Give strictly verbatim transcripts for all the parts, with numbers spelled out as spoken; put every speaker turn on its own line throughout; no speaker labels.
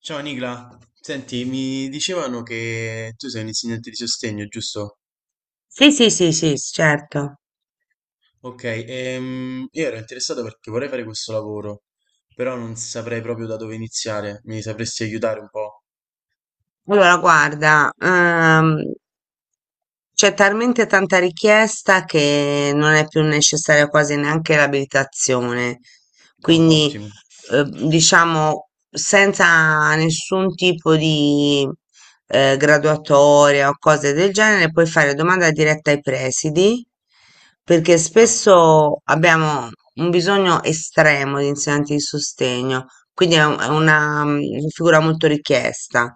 Ciao Nicla, senti, mi dicevano che tu sei un insegnante di sostegno, giusto?
Sì, sì, sì, sì, certo.
Ok, ehm, io ero interessato perché vorrei fare questo lavoro, però non saprei proprio da dove iniziare, mi sapresti aiutare un po'?
Allora, guarda, ehm, c'è talmente tanta richiesta che non è più necessaria quasi neanche l'abilitazione.
Ah,
Quindi,
ottimo.
eh, diciamo, senza nessun tipo di eh, graduatoria o cose del genere, puoi fare domanda diretta ai presidi, perché
Ah,
spesso abbiamo un bisogno estremo di insegnanti di sostegno, quindi è un- è una mm, figura molto richiesta,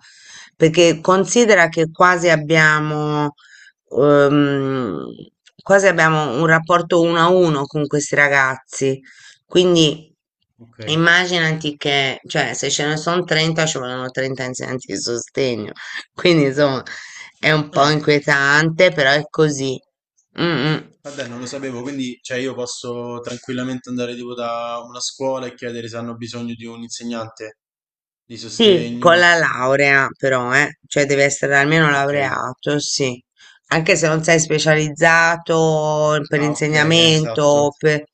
perché considera che quasi abbiamo ehm, quasi abbiamo un rapporto uno a uno con questi ragazzi. Quindi
ok.
immaginati che, cioè, se ce ne sono trenta, ci vogliono trenta insegnanti di sostegno. Quindi, insomma, è un po'
Ah,
inquietante, però è così. Mm, mm.
vabbè, non lo sapevo, quindi cioè, io posso tranquillamente andare tipo da una scuola e chiedere se hanno bisogno di un insegnante di
Sì, con
sostegno.
la laurea però, eh. Cioè deve essere almeno
Ok.
laureato, sì. Anche se non sei specializzato per
Ah, ok, esatto.
insegnamento, per-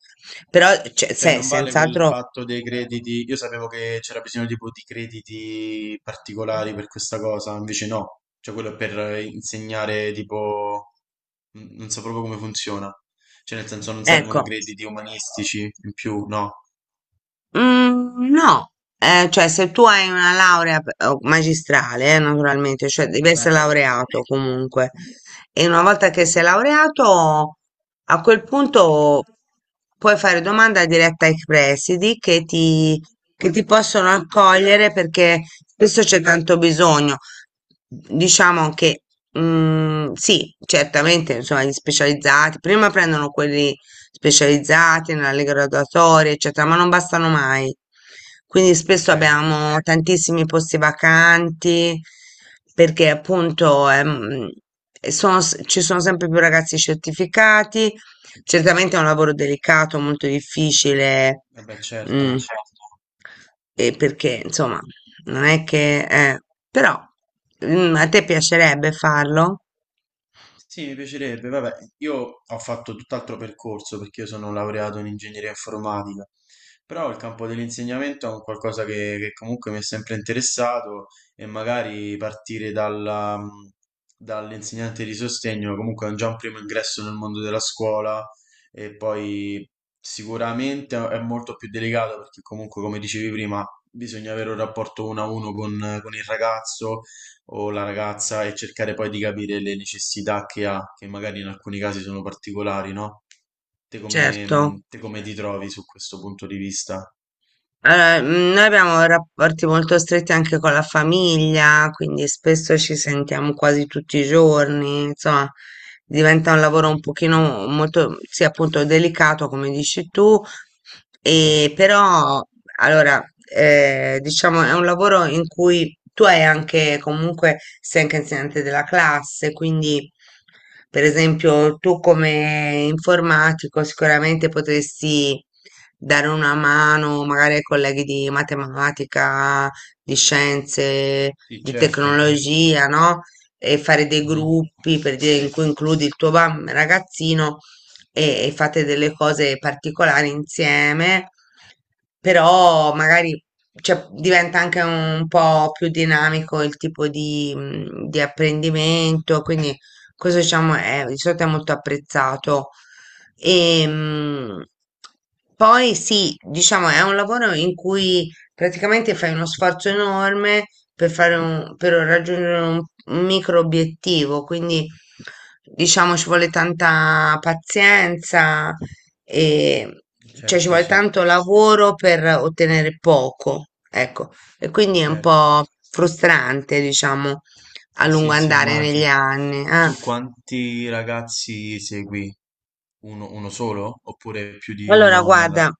però cioè,
Cioè
sei
non vale quel
senz'altro,
fatto dei crediti. Io sapevo che c'era bisogno tipo di crediti particolari per questa cosa, invece no. Cioè quello è per eh, insegnare tipo n- non so proprio come funziona. Cioè nel senso non servono
ecco.
crediti umanistici in più, no.
Mhmm, no, ehm, cioè se tu hai una laurea p o magistrale, eh, naturalmente, cioè devi essere
Mhm.
laureato comunque e una volta che sei laureato, a quel punto puoi fare domanda diretta ai presidi che ti che ti possono accogliere perché spesso c'è tanto bisogno. Diciamo che, mhmm, sì, certamente insomma gli specializzati, prima prendono quelli specializzati nelle graduatorie, eccetera, ma non bastano mai. Quindi spesso
Ok,
abbiamo tantissimi posti vacanti perché appunto ehm, e sono s- ci sono sempre più ragazzi certificati. Certamente è un lavoro delicato, molto difficile.
vabbè,
Ah, mm,
certo.
certo. E perché insomma non è che... eh, però mm, a te piacerebbe farlo?
Sì, mi piacerebbe. Vabbè, io ho fatto tutt'altro percorso perché io sono laureato in ingegneria informatica, però il campo dell'insegnamento è un qualcosa che, che comunque mi è sempre interessato e magari partire dalla- mm, dall'insegnante di sostegno comunque è già un primo ingresso nel mondo della scuola e poi sicuramente è molto più delicato perché comunque, come dicevi prima, bisogna avere un rapporto uno a uno con con il ragazzo o la ragazza e cercare poi di capire le necessità che ha, che magari in alcuni casi sono particolari, no? Te come,
Certo.
mh, te come ti trovi su questo punto di vista?
Allora, mm, noi abbiamo rapporti molto stretti anche con la famiglia, quindi spesso ci sentiamo
Ok.
quasi tutti i giorni, insomma, diventa un lavoro un pochino molto, sì, appunto, delicato, come dici tu.
Mhm.
E però, allora, eh, diciamo, è un lavoro in cui tu hai anche, comunque, sei anche insegnante della classe, quindi, per esempio, tu come informatico sicuramente potresti dare una mano magari ai colleghi di matematica, di scienze,
Sì,
di
certo.
tecnologia, no? E fare dei
Mhm.
gruppi per dire in cui includi il tuo bam- ragazzino e, e fate delle cose particolari insieme, però magari cioè, diventa anche un po' più dinamico il tipo di, mm, di apprendimento, quindi questo diciamo è, di solito è molto apprezzato. E, mh, poi sì, diciamo, è un lavoro in cui praticamente fai uno sforzo enorme per fare un- per raggiungere un, un micro obiettivo, quindi diciamo ci vuole tanta pazienza e cioè ci
Certo,
vuole
sì,
tanto lavoro per ottenere poco, ecco, e quindi è un
certo.
po' frustrante, diciamo, a
Eh
lungo
sì, sì,
andare negli
immagino.
anni. eh.
Tu quanti ragazzi segui? Uno, uno solo? Oppure più di
Allora,
uno
guarda,
nella...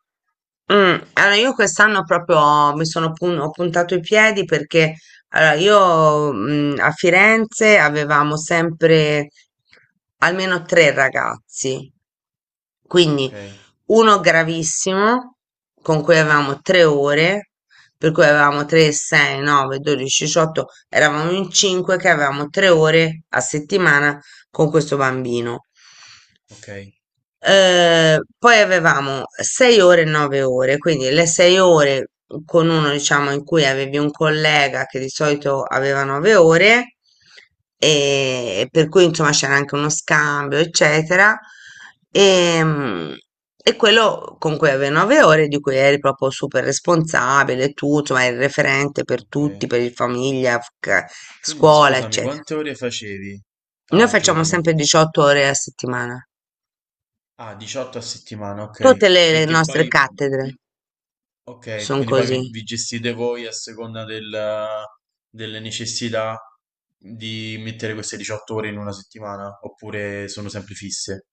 mm, allora io quest'anno proprio mi sono pun- ho puntato i piedi perché allora, io mm, a Firenze avevamo sempre almeno tre ragazzi, quindi
Ok,
uno gravissimo con cui avevamo tre ore, per cui avevamo tre, sei, nove, dodici, diciotto, eravamo in cinque che avevamo tre ore a settimana con questo bambino.
ok,
Eh, poi avevamo sei ore e nove ore, quindi le sei ore con uno, diciamo, in cui avevi un collega che di solito aveva nove ore, e per cui insomma c'era anche uno scambio, eccetera. E, mm, e quello con cui avevi nove ore, di cui eri proprio super responsabile, tu, insomma, eri il referente per
ok.
tutti, per il famiglia, f-
Quindi
scuola,
scusami,
eccetera.
quante ore facevi
Noi
al
facciamo
giorno?
sempre diciotto ore a settimana,
Ah, diciotto a settimana, ok.
tutte le
E
le
che
nostre
poi,
cattedre.
vi- ok,
Son
quindi poi vi,
così.
vi gestite voi a seconda del- delle necessità di mettere queste diciotto ore in una settimana, oppure sono sempre fisse?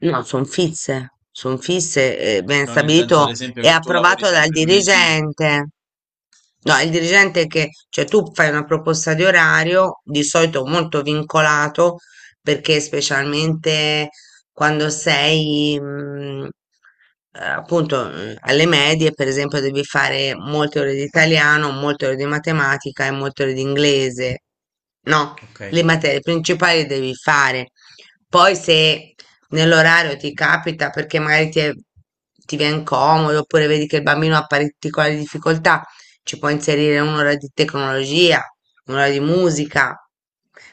No, sono fisse, sono fisse, eh, ben
No, nel senso, ad
stabilito
esempio,
e
che tu lavori
approvato dal
sempre lunedì,
dirigente. No, è il dirigente che, cioè tu fai una proposta di orario, di solito molto vincolato, perché specialmente quando sei, mm, eh, appunto, mm, alle medie, per esempio, devi fare molte ore di italiano, molte ore di matematica e molte ore di inglese. No,
ok.
le materie principali devi fare. Poi se nell'orario ti capita perché magari ti, è- ti viene comodo oppure vedi che il bambino ha particolari difficoltà, ci puoi inserire un'ora di tecnologia, un'ora di musica.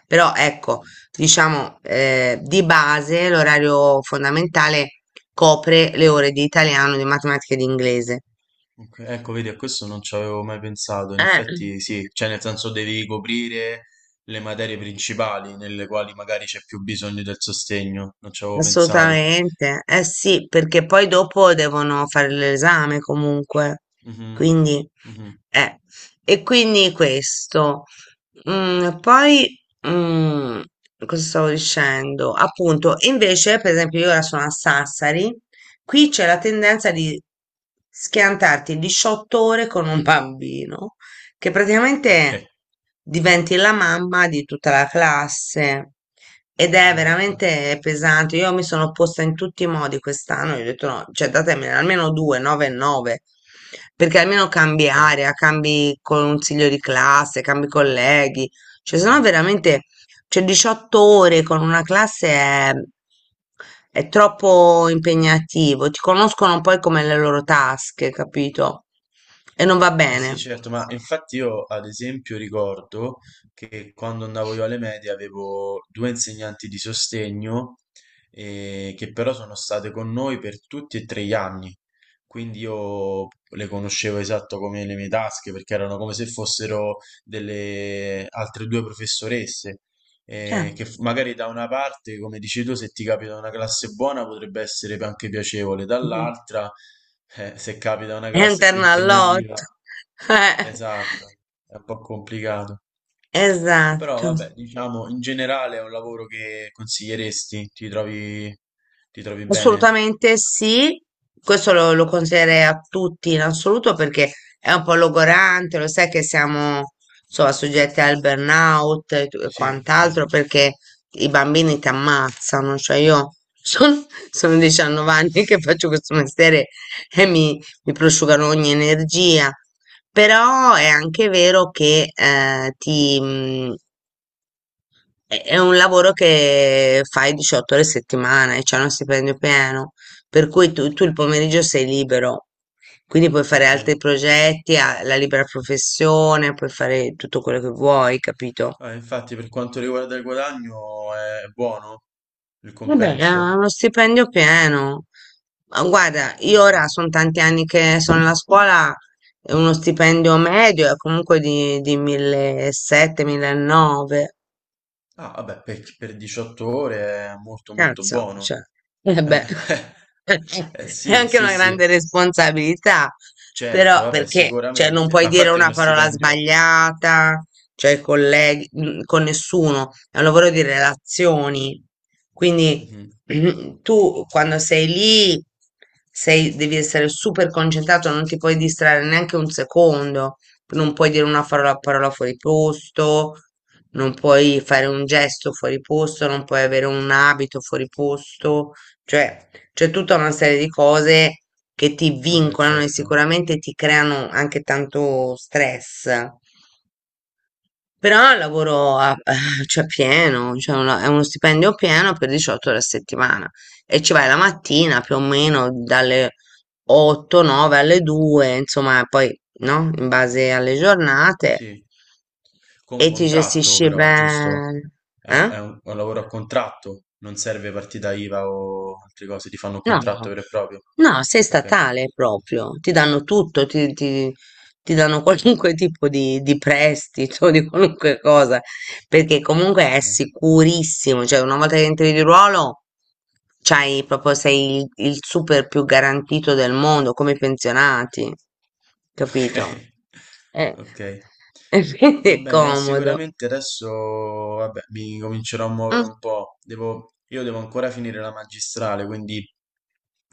Però ecco, diciamo, eh, di base l'orario fondamentale copre le ore di italiano, di matematica e di inglese.
Ok, ecco, vedi, a questo non ci avevo mai pensato. In
Eh.
effetti, sì, cioè, nel senso devi coprire le materie principali nelle quali magari c'è più bisogno del sostegno. Non ci avevo pensato.
Assolutamente, eh sì, perché poi dopo devono fare l'esame comunque,
Mhm,
quindi,
mhm.
eh, e quindi questo. Mm, poi, mm, cosa stavo dicendo? Appunto, invece, per esempio, io ora sono a Sassari, qui c'è la tendenza di schiantarti diciotto ore con un bambino che
Ok,
praticamente diventi la mamma di tutta la classe ed è
esatto.
veramente pesante. Io mi sono opposta in tutti i modi quest'anno, io ho detto no, cioè datemene almeno due, nove e nove, perché almeno cambi
Ok.
area, cambi consiglio di classe, cambi colleghi, cioè sennò
Mhm.
veramente, cioè diciotto ore con una classe è... È troppo impegnativo, ti conoscono poi come le loro tasche, capito? E non va
Eh sì,
bene.
certo, ma infatti io ad esempio ricordo che quando andavo io alle medie avevo due insegnanti di sostegno eh, che però sono state con noi per tutti e tre gli anni, quindi io le conoscevo esatto come le mie tasche perché erano come se fossero delle altre due professoresse
Cioè.
eh, che f- magari da una parte, come dici tu, se ti capita una classe buona potrebbe essere anche piacevole, dall'altra, eh, se capita una classe più
Interna all'otto.
impegnativa, esatto, è un po' complicato.
Eh,
Però
esatto,
vabbè, diciamo, in generale è un lavoro che consiglieresti, ti trovi, ti trovi bene?
assolutamente sì. Questo lo, lo consiglierei a tutti in assoluto perché è un po' logorante, lo sai che siamo insomma soggetti al burnout e tu- e
Sì,
quant'altro
certo,
perché i bambini ti ammazzano. Cioè io
sì.
sono, sono diciannove anni che faccio questo mestiere e mi, mi prosciugano ogni energia. Però è anche vero che eh, È è un lavoro che fai diciotto ore a settimana e c'è uno stipendio pieno, per cui tu, tu il pomeriggio sei libero, quindi puoi fare
Ok.
altri progetti, ha- la libera professione, puoi fare tutto quello che vuoi, capito?
Ah, infatti, per quanto riguarda il guadagno, è buono il
Vabbè, è
compenso.
uno stipendio pieno. Ma guarda, io
Ok.
ora sono tanti anni che sono nella scuola, e uno stipendio medio è comunque di, di millesettecento-millenovecento.
Ah, vabbè, per, per diciotto ore è molto molto
Cazzo,
buono.
cioè, eh
Eh,
beh,
eh,
è
sì,
anche
sì,
una
sì,
grande responsabilità,
certo,
però
vabbè,
perché, cioè, non
sicuramente.
puoi
Ma
dire
infatti è
una
uno
parola
stipendio.
sbagliata, cioè, ai colleghi, mm, con nessuno, è un lavoro di relazioni, quindi
Mhm.
tu quando sei lì sei, devi essere super concentrato, non ti puoi distrarre neanche un secondo, non puoi dire una parola, parola fuori posto, non puoi fare un gesto fuori posto, non puoi avere un abito fuori posto, cioè c'è tutta una serie di cose che ti
Vabbè,
vincolano e
certo,
sicuramente ti creano anche tanto stress. Però lavoro a, cioè pieno, cioè una- è uno stipendio pieno per diciotto ore a settimana e ci vai la mattina più o meno dalle otto, nove alle due, insomma, poi no? In base alle giornate
sì.
e
Con
ti
contratto
gestisci
però, giusto?
bene.
È un,
Eh?
è un- è un lavoro a contratto, non serve partita I V A o altre cose, ti fanno un
No,
contratto vero e proprio.
no, sei
Ok,
statale proprio, ti danno tutto, ti, ti- ti danno qualunque tipo di, di prestito, di qualunque cosa, perché comunque è
ok.
sicurissimo, cioè una volta che entri di ruolo, c'hai proprio, sei il, il super più garantito del mondo, come i pensionati, capito?
Okay,
Eh,
okay.
E quindi
Va
è
bene, eh,
comodo.
sicuramente adesso vabbè, mi comincerò a muovere
Mm,
un po'. Devo io devo ancora finire la magistrale, quindi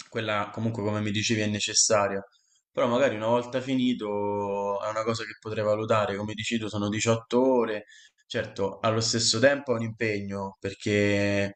quella comunque come mi dicevi è necessaria. Però magari una volta finito è una cosa che potrei valutare, come dici tu sono diciotto ore. Certo, allo stesso tempo è un impegno perché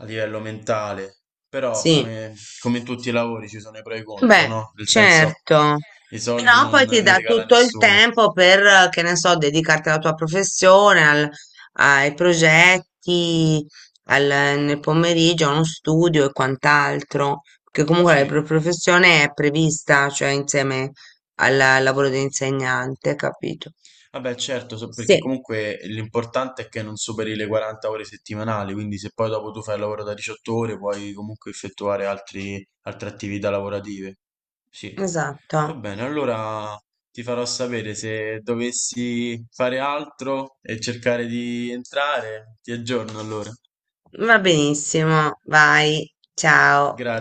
a livello mentale, però
sì.
come, come in tutti i lavori ci sono i pro e i contro,
Beh,
no? Nel senso
certo,
i soldi
però
non
poi ti
li
dà
regala
tutto il
nessuno.
tempo per, eh, che ne so, dedicarti alla tua professione, al- ai progetti, al- nel pomeriggio, a uno studio e quant'altro, perché comunque la pro-
Sì,
professione è prevista, cioè insieme al al lavoro di insegnante, capito?
vabbè, certo, so- perché
Sì,
comunque l'importante è che non superi le quaranta ore settimanali, quindi se poi dopo tu fai il lavoro da diciotto ore puoi comunque effettuare altri- altre attività lavorative. Sì,
esatto.
va bene, allora ti farò sapere se dovessi fare altro e cercare di entrare. Ti aggiorno allora.
Va benissimo, vai, ciao.
Grazie.